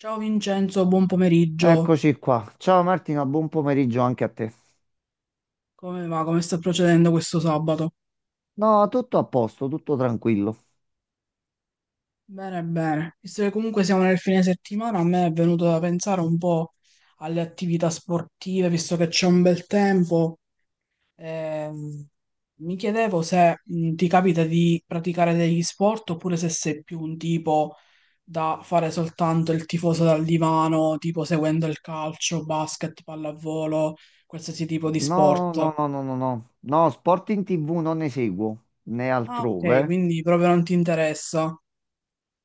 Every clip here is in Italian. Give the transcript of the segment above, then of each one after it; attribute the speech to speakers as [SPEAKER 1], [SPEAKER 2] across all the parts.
[SPEAKER 1] Ciao Vincenzo, buon pomeriggio.
[SPEAKER 2] Eccoci qua. Ciao Martina, buon pomeriggio anche a te.
[SPEAKER 1] Come va? Come sta procedendo questo sabato?
[SPEAKER 2] No, tutto a posto, tutto tranquillo.
[SPEAKER 1] Bene, bene. Visto che comunque siamo nel fine settimana, a me è venuto da pensare un po' alle attività sportive, visto che c'è un bel tempo. Ehm, mi chiedevo se ti capita di praticare degli sport oppure se sei più un tipo da fare soltanto il tifoso dal divano, tipo seguendo il calcio, basket, pallavolo, qualsiasi tipo di
[SPEAKER 2] No,
[SPEAKER 1] sport.
[SPEAKER 2] no, no, no, no, no. No, sport in TV non ne seguo, né
[SPEAKER 1] Ah,
[SPEAKER 2] altrove.
[SPEAKER 1] ok, quindi proprio non ti interessa.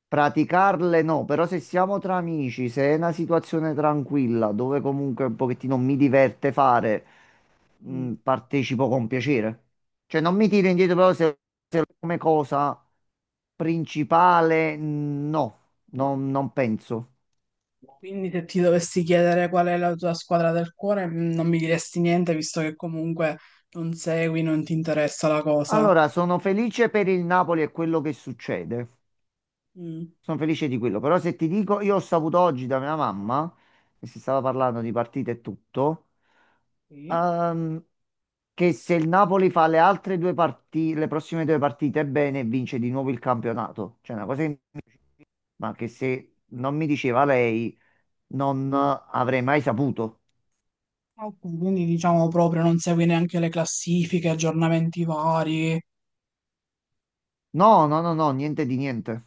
[SPEAKER 2] Praticarle no, però se siamo tra amici, se è una situazione tranquilla, dove comunque un pochettino mi diverte fare,
[SPEAKER 1] Mm.
[SPEAKER 2] partecipo con piacere. Cioè non mi tiro indietro, però se, se come cosa principale, no, non penso.
[SPEAKER 1] Quindi se ti dovessi chiedere qual è la tua squadra del cuore, non mi diresti niente, visto che comunque non segui, non ti interessa la cosa.
[SPEAKER 2] Allora, sono felice per il Napoli e quello che succede.
[SPEAKER 1] Mm.
[SPEAKER 2] Sono felice di quello. Però se ti dico, io ho saputo oggi da mia mamma, che si stava parlando di partite e tutto,
[SPEAKER 1] Sì.
[SPEAKER 2] ehm, che se il Napoli fa le altre due partite, le prossime due partite bene, vince di nuovo il campionato. Cioè, una cosa ma che se non mi diceva lei, non avrei mai saputo.
[SPEAKER 1] Ok, quindi diciamo proprio non segui neanche le classifiche, aggiornamenti vari.
[SPEAKER 2] No, no, no, no, niente di niente.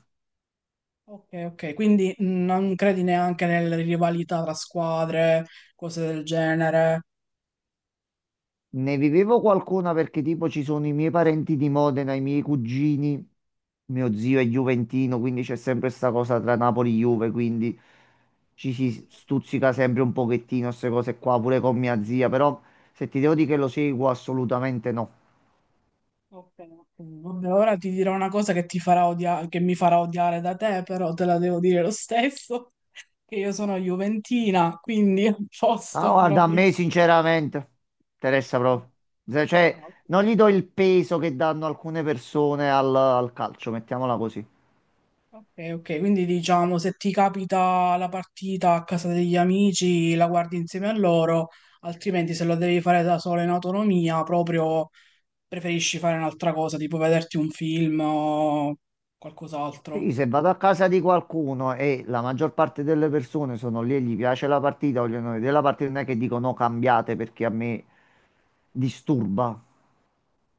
[SPEAKER 1] Ok, ok, quindi non credi neanche nelle rivalità tra squadre, cose del genere.
[SPEAKER 2] Ne vivevo qualcuna perché tipo ci sono i miei parenti di Modena, i miei cugini, mio zio è giuventino, quindi c'è sempre questa cosa tra Napoli e Juve, quindi ci si stuzzica sempre un pochettino queste cose qua, pure con mia zia, però se ti devo dire che lo seguo assolutamente no.
[SPEAKER 1] Ok, ok. Vabbè, ora ti dirò una cosa che ti farà odiare, che mi farà odiare da te, però te la devo dire lo stesso, che io sono juventina, quindi a
[SPEAKER 2] Ah,
[SPEAKER 1] posto
[SPEAKER 2] guarda, a
[SPEAKER 1] proprio.
[SPEAKER 2] me sinceramente interessa proprio.
[SPEAKER 1] Ah,
[SPEAKER 2] Cioè,
[SPEAKER 1] ok,
[SPEAKER 2] non gli do il peso che danno alcune persone al, al calcio, mettiamola così.
[SPEAKER 1] ok, ok, quindi diciamo se ti capita la partita a casa degli amici, la guardi insieme a loro, altrimenti se lo devi fare da sola in autonomia, proprio preferisci fare un'altra cosa, tipo vederti un film o qualcos'altro.
[SPEAKER 2] Sì, se vado a casa di qualcuno e la maggior parte delle persone sono lì e gli piace la partita, vogliono vedere la partita, non è che dico no, cambiate perché a me disturba.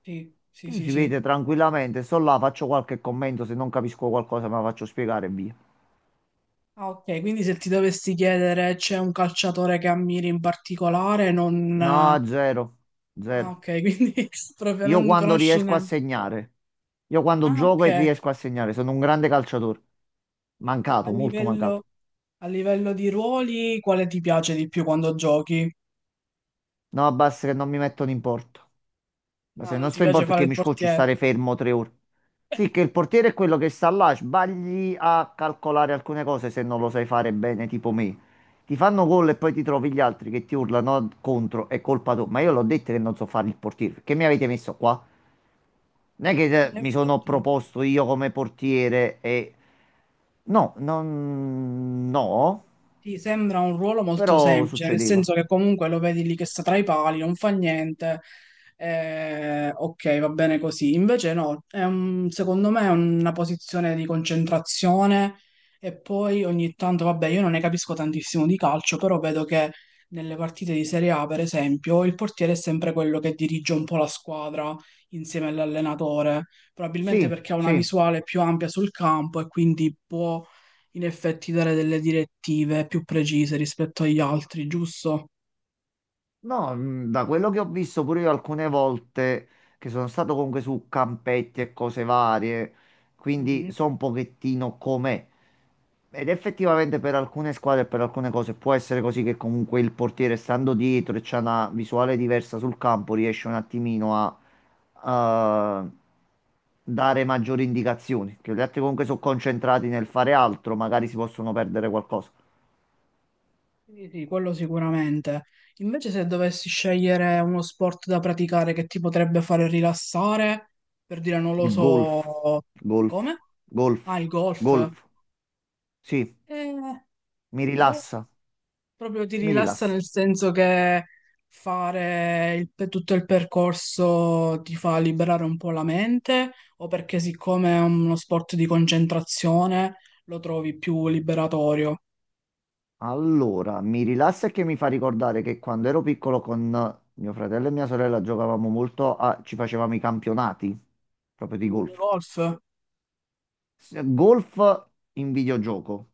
[SPEAKER 1] Sì, sì, sì,
[SPEAKER 2] Si
[SPEAKER 1] sì.
[SPEAKER 2] vede tranquillamente, sto là, faccio qualche commento, se non capisco qualcosa me la faccio spiegare e via.
[SPEAKER 1] Ah, ok, quindi se ti dovessi chiedere c'è un calciatore che ammiri in particolare, non...
[SPEAKER 2] No, zero,
[SPEAKER 1] ah,
[SPEAKER 2] zero.
[SPEAKER 1] ok, quindi proprio
[SPEAKER 2] Io
[SPEAKER 1] non
[SPEAKER 2] quando
[SPEAKER 1] conosci
[SPEAKER 2] riesco a
[SPEAKER 1] neanche.
[SPEAKER 2] segnare, io quando
[SPEAKER 1] Ah,
[SPEAKER 2] gioco e
[SPEAKER 1] ok,
[SPEAKER 2] riesco a segnare, sono un grande calciatore.
[SPEAKER 1] a
[SPEAKER 2] Mancato, molto
[SPEAKER 1] livello,
[SPEAKER 2] mancato.
[SPEAKER 1] a livello di ruoli, quale ti piace di più quando giochi?
[SPEAKER 2] No, basta che non mi mettono in porto. Ma
[SPEAKER 1] Ah,
[SPEAKER 2] se
[SPEAKER 1] non
[SPEAKER 2] non
[SPEAKER 1] ti
[SPEAKER 2] sto in
[SPEAKER 1] piace
[SPEAKER 2] porto è
[SPEAKER 1] fare
[SPEAKER 2] che
[SPEAKER 1] il
[SPEAKER 2] mi scocci
[SPEAKER 1] portiere?
[SPEAKER 2] stare fermo tre ore. Sì, che il portiere è quello che sta là, sbagli a calcolare alcune cose se non lo sai fare bene, tipo me. Ti fanno gol e poi ti trovi gli altri che ti urlano contro, è colpa tua. Ma io l'ho detto che non so fare il portiere, perché mi avete messo qua? Non è che
[SPEAKER 1] In
[SPEAKER 2] mi sono
[SPEAKER 1] effetti...
[SPEAKER 2] proposto io come portiere e... No, non... no,
[SPEAKER 1] ti sembra un ruolo molto
[SPEAKER 2] però
[SPEAKER 1] semplice, nel
[SPEAKER 2] succedeva.
[SPEAKER 1] senso che comunque lo vedi lì che sta tra i pali, non fa niente, ok, va bene così. Invece no, è secondo me è una posizione di concentrazione e poi ogni tanto, vabbè, io non ne capisco tantissimo di calcio, però vedo che nelle partite di Serie A, per esempio, il portiere è sempre quello che dirige un po' la squadra insieme all'allenatore, probabilmente
[SPEAKER 2] Sì,
[SPEAKER 1] perché ha una
[SPEAKER 2] sì.
[SPEAKER 1] visuale più ampia sul campo e quindi può in effetti dare delle direttive più precise rispetto agli altri, giusto?
[SPEAKER 2] No, da quello che ho visto pure io alcune volte che sono stato comunque su campetti e cose varie, quindi
[SPEAKER 1] Mhm.
[SPEAKER 2] so un pochettino com'è. Ed effettivamente per alcune squadre e per alcune cose può essere così che comunque il portiere stando dietro e c'ha una visuale diversa sul campo riesce un attimino a dare maggiori indicazioni, che gli altri comunque sono concentrati nel fare altro, magari si possono perdere qualcosa.
[SPEAKER 1] Quindi sì, quello sicuramente. Invece se dovessi scegliere uno sport da praticare che ti potrebbe fare rilassare, per dire non lo
[SPEAKER 2] Il golf,
[SPEAKER 1] so,
[SPEAKER 2] golf,
[SPEAKER 1] come? Ah,
[SPEAKER 2] golf,
[SPEAKER 1] il golf.
[SPEAKER 2] golf. Sì,
[SPEAKER 1] Eh,
[SPEAKER 2] mi
[SPEAKER 1] boh,
[SPEAKER 2] rilassa,
[SPEAKER 1] proprio ti
[SPEAKER 2] mi
[SPEAKER 1] rilassa
[SPEAKER 2] rilassa.
[SPEAKER 1] nel senso che fare per tutto il percorso ti fa liberare un po' la mente, o perché siccome è uno sport di concentrazione lo trovi più liberatorio?
[SPEAKER 2] Allora, mi rilassa e che mi fa ricordare che quando ero piccolo con mio fratello e mia sorella giocavamo ci facevamo i campionati proprio di
[SPEAKER 1] Il
[SPEAKER 2] golf.
[SPEAKER 1] golf?
[SPEAKER 2] Golf in videogioco,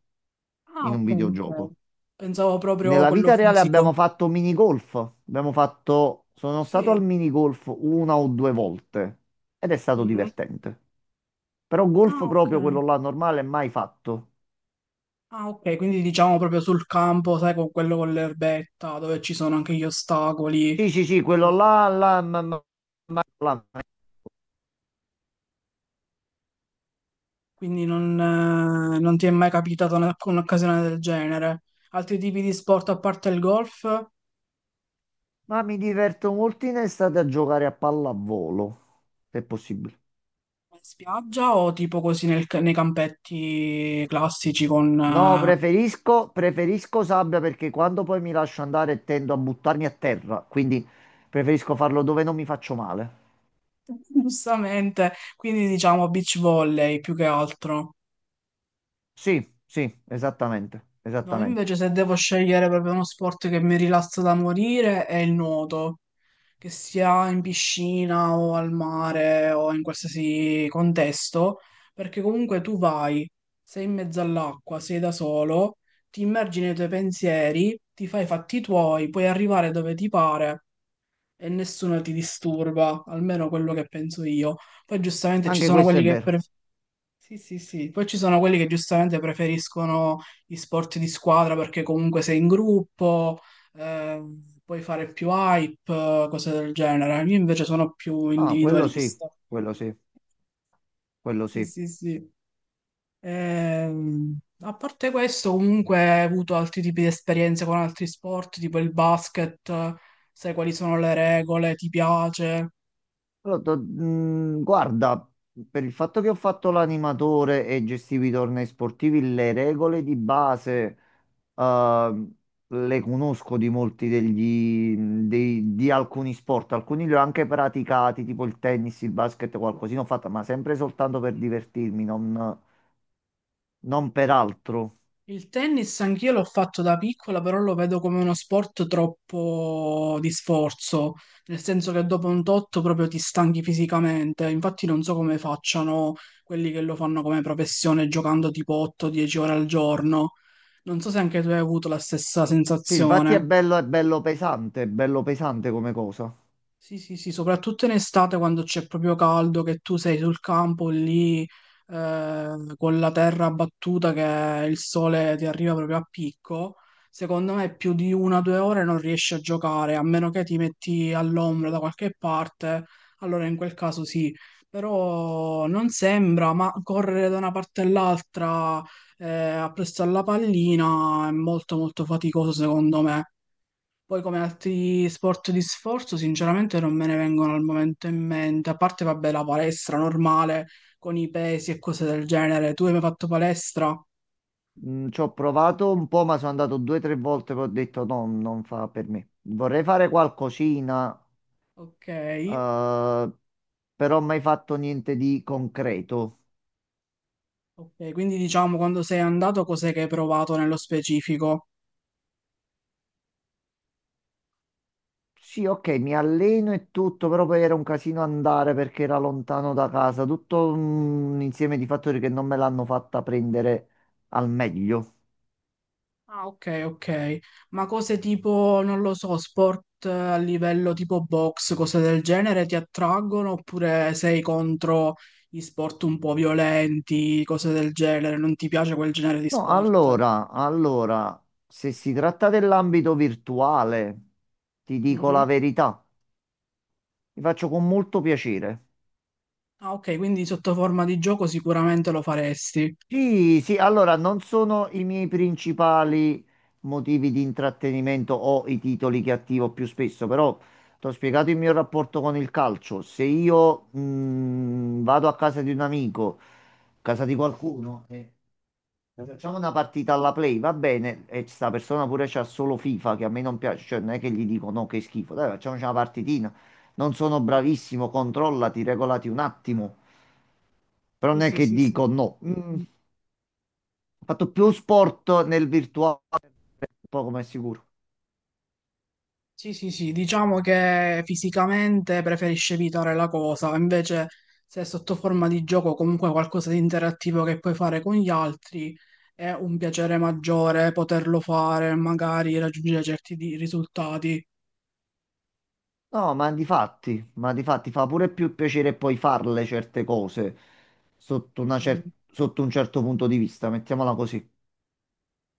[SPEAKER 1] Ah,
[SPEAKER 2] in un
[SPEAKER 1] ok, ok.
[SPEAKER 2] videogioco.
[SPEAKER 1] Pensavo proprio
[SPEAKER 2] Nella
[SPEAKER 1] quello
[SPEAKER 2] vita reale
[SPEAKER 1] fisico.
[SPEAKER 2] abbiamo fatto mini golf, sono stato
[SPEAKER 1] Sì.
[SPEAKER 2] al mini golf una o due volte ed è stato
[SPEAKER 1] Mhm.
[SPEAKER 2] divertente. Però
[SPEAKER 1] Ah,
[SPEAKER 2] golf
[SPEAKER 1] ok.
[SPEAKER 2] proprio quello là normale mai fatto.
[SPEAKER 1] Ah, ok, quindi diciamo proprio sul campo, sai, con quello con l'erbetta, dove ci sono anche gli ostacoli e
[SPEAKER 2] Sì, sì, sì, quello
[SPEAKER 1] cose.
[SPEAKER 2] là, là, là, là.
[SPEAKER 1] Quindi non, non ti è mai capitata un'occasione del genere. Altri tipi di sport a parte il golf, in
[SPEAKER 2] Ma mi diverto molto in estate a giocare a pallavolo, se è possibile.
[SPEAKER 1] spiaggia o tipo così nei campetti classici con...
[SPEAKER 2] No, preferisco sabbia perché quando poi mi lascio andare tendo a buttarmi a terra, quindi preferisco farlo dove non mi faccio male.
[SPEAKER 1] giustamente, quindi diciamo beach volley più che altro.
[SPEAKER 2] Sì, sì, esattamente,
[SPEAKER 1] No,
[SPEAKER 2] esattamente.
[SPEAKER 1] invece se devo scegliere proprio uno sport che mi rilassa da morire è il nuoto, che sia in piscina o al mare o in qualsiasi contesto, perché comunque tu vai, sei in mezzo all'acqua, sei da solo, ti immergi nei tuoi pensieri, ti fai i fatti tuoi, puoi arrivare dove ti pare e nessuno ti disturba, almeno quello che penso io. Poi giustamente ci
[SPEAKER 2] Anche
[SPEAKER 1] sono
[SPEAKER 2] questo è vero.
[SPEAKER 1] sì, sì, sì. Poi ci sono quelli che giustamente preferiscono gli sport di squadra perché comunque sei in gruppo, puoi fare più hype, cose del genere. Io invece sono più
[SPEAKER 2] Ah, quello sì,
[SPEAKER 1] individualista.
[SPEAKER 2] quello sì, quello
[SPEAKER 1] Sì,
[SPEAKER 2] sì.
[SPEAKER 1] sì, sì. A parte questo, comunque, ho avuto altri tipi di esperienze con altri sport, tipo il basket, sai quali sono le regole, ti piace?
[SPEAKER 2] Allora, guarda, per il fatto che ho fatto l'animatore e gestivo i tornei sportivi, le regole di base eh, le conosco di molti di alcuni sport. Alcuni li ho anche praticati, tipo il tennis, il basket, qualcosina ho fatto, ma sempre soltanto per divertirmi, non per altro.
[SPEAKER 1] Il tennis anch'io l'ho fatto da piccola, però lo vedo come uno sport troppo di sforzo, nel senso che dopo un totto proprio ti stanchi fisicamente. Infatti non so come facciano quelli che lo fanno come professione giocando tipo 8-10 ore al giorno. Non so se anche tu hai avuto la stessa
[SPEAKER 2] Sì, infatti
[SPEAKER 1] sensazione.
[SPEAKER 2] è bello pesante come cosa.
[SPEAKER 1] Sì, sì, sì, soprattutto in estate quando c'è proprio caldo, che tu sei sul campo lì con la terra battuta che il sole ti arriva proprio a picco, secondo me più di una o due ore non riesci a giocare, a meno che ti metti all'ombra da qualche parte, allora in quel caso sì, però non sembra, ma correre da una parte all'altra eh, appresso alla pallina è molto molto faticoso secondo me. Poi come altri sport di sforzo, sinceramente non me ne vengono al momento in mente, a parte vabbè la palestra normale con i pesi e cose del genere. Tu hai mai fatto palestra?
[SPEAKER 2] Ci ho provato un po', ma sono andato due o tre volte che ho detto no, non fa per me. Vorrei fare qualcosina,
[SPEAKER 1] Ok,
[SPEAKER 2] eh, però mai fatto niente di concreto.
[SPEAKER 1] ok, quindi diciamo quando sei andato cos'è che hai provato nello specifico?
[SPEAKER 2] Sì, ok, mi alleno e tutto, però poi era un casino andare perché era lontano da casa. Tutto un insieme di fattori che non me l'hanno fatta prendere al meglio.
[SPEAKER 1] Ah, ok, ok. Ma cose tipo, non lo so, sport a livello tipo box, cose del genere ti attraggono oppure sei contro gli sport un po' violenti, cose del genere? Non ti piace quel genere di
[SPEAKER 2] No,
[SPEAKER 1] sport?
[SPEAKER 2] allora, se si tratta dell'ambito virtuale, ti dico
[SPEAKER 1] Mhm.
[SPEAKER 2] la verità, mi faccio con molto piacere.
[SPEAKER 1] Ah, ok, quindi sotto forma di gioco sicuramente lo faresti.
[SPEAKER 2] Sì, sì, allora non sono i miei principali motivi di intrattenimento o i titoli che attivo più spesso, però ti ho spiegato il mio rapporto con il calcio. Se io vado a casa di un amico, a casa di qualcuno e facciamo una partita alla play, va bene, e sta persona pure c'ha solo FIFA che a me non piace, cioè non è che gli dico no, che schifo, dai, facciamoci una partitina. Non sono bravissimo, controllati, regolati un attimo. Però
[SPEAKER 1] Sì,
[SPEAKER 2] non è
[SPEAKER 1] sì,
[SPEAKER 2] che
[SPEAKER 1] sì, sì.
[SPEAKER 2] dico no. Ho fatto più sport nel virtuale, poco ma è sicuro.
[SPEAKER 1] Sì, sì, sì, diciamo che fisicamente preferisci evitare la cosa, invece se è sotto forma di gioco comunque qualcosa di interattivo che puoi fare con gli altri è un piacere maggiore poterlo fare, magari raggiungere risultati.
[SPEAKER 2] No, ma di fatti fa pure più piacere poi farle certe cose sotto un certo punto di vista, mettiamola così.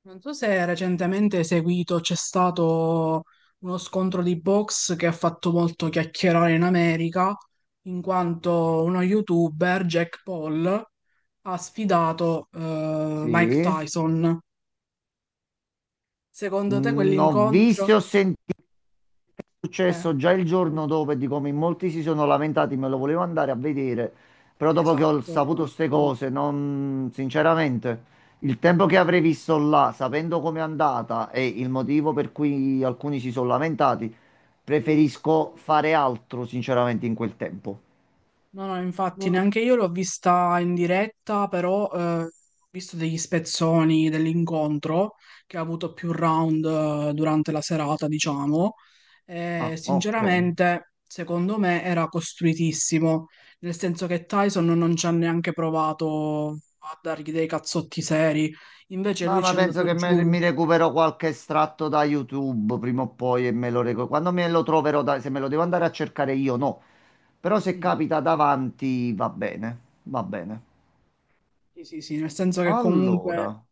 [SPEAKER 1] Non so se recentemente hai seguito, c'è stato uno scontro di box che ha fatto molto chiacchierare in America, in quanto uno youtuber, Jack Paul, ha sfidato Mike
[SPEAKER 2] Sì.
[SPEAKER 1] Tyson. Secondo te
[SPEAKER 2] Ho
[SPEAKER 1] quell'incontro?
[SPEAKER 2] visto e ho sentito è
[SPEAKER 1] Eh,
[SPEAKER 2] successo già il giorno dopo e di come in molti si sono lamentati, me lo volevo andare a vedere, però dopo che ho
[SPEAKER 1] esatto.
[SPEAKER 2] saputo queste cose, non, sinceramente, il tempo che avrei visto là, sapendo com'è andata e il motivo per cui alcuni si sono lamentati,
[SPEAKER 1] Mm.
[SPEAKER 2] preferisco fare altro, sinceramente, in quel tempo.
[SPEAKER 1] No, no, infatti neanche io l'ho vista in diretta, però ho visto degli spezzoni dell'incontro che ha avuto più round durante la serata, diciamo. E,
[SPEAKER 2] Ah, ok.
[SPEAKER 1] sinceramente, secondo me era costruitissimo, nel senso che Tyson non ci ha neanche provato a dargli dei cazzotti seri, invece
[SPEAKER 2] No,
[SPEAKER 1] lui ci
[SPEAKER 2] ma
[SPEAKER 1] è
[SPEAKER 2] penso
[SPEAKER 1] andato
[SPEAKER 2] che
[SPEAKER 1] giù.
[SPEAKER 2] mi recupero qualche estratto da YouTube prima o poi e me lo recupero. Quando me lo troverò, se me lo devo andare a cercare io, no. Però se
[SPEAKER 1] Mm,
[SPEAKER 2] capita davanti, va bene. Va bene.
[SPEAKER 1] sì, sì, sì, nel senso che comunque
[SPEAKER 2] Allora.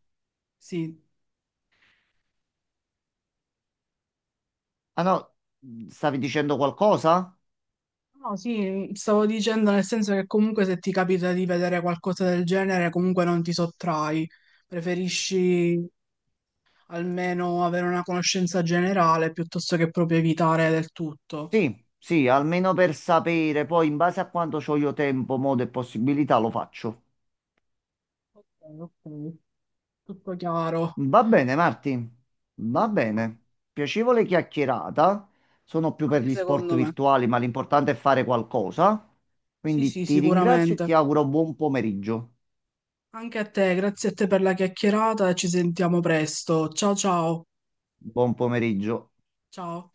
[SPEAKER 1] sì,
[SPEAKER 2] Ah no, stavi dicendo qualcosa?
[SPEAKER 1] no, sì, stavo dicendo nel senso che comunque se ti capita di vedere qualcosa del genere, comunque non ti sottrai, preferisci almeno avere una conoscenza generale piuttosto che proprio evitare del tutto.
[SPEAKER 2] Sì, sì, almeno per sapere. Poi, in base a quanto ho io tempo, modo e possibilità, lo faccio.
[SPEAKER 1] Ok, ok. Tutto chiaro,
[SPEAKER 2] Va bene, Marti, va bene. Piacevole chiacchierata. Sono più per
[SPEAKER 1] anche
[SPEAKER 2] gli sport
[SPEAKER 1] secondo me.
[SPEAKER 2] virtuali, ma l'importante è fare qualcosa.
[SPEAKER 1] Sì,
[SPEAKER 2] Quindi
[SPEAKER 1] sì,
[SPEAKER 2] ti ringrazio e
[SPEAKER 1] sicuramente.
[SPEAKER 2] ti auguro buon pomeriggio.
[SPEAKER 1] Anche a te, grazie a te per la chiacchierata e ci sentiamo presto. Ciao ciao.
[SPEAKER 2] Buon pomeriggio.
[SPEAKER 1] Ciao.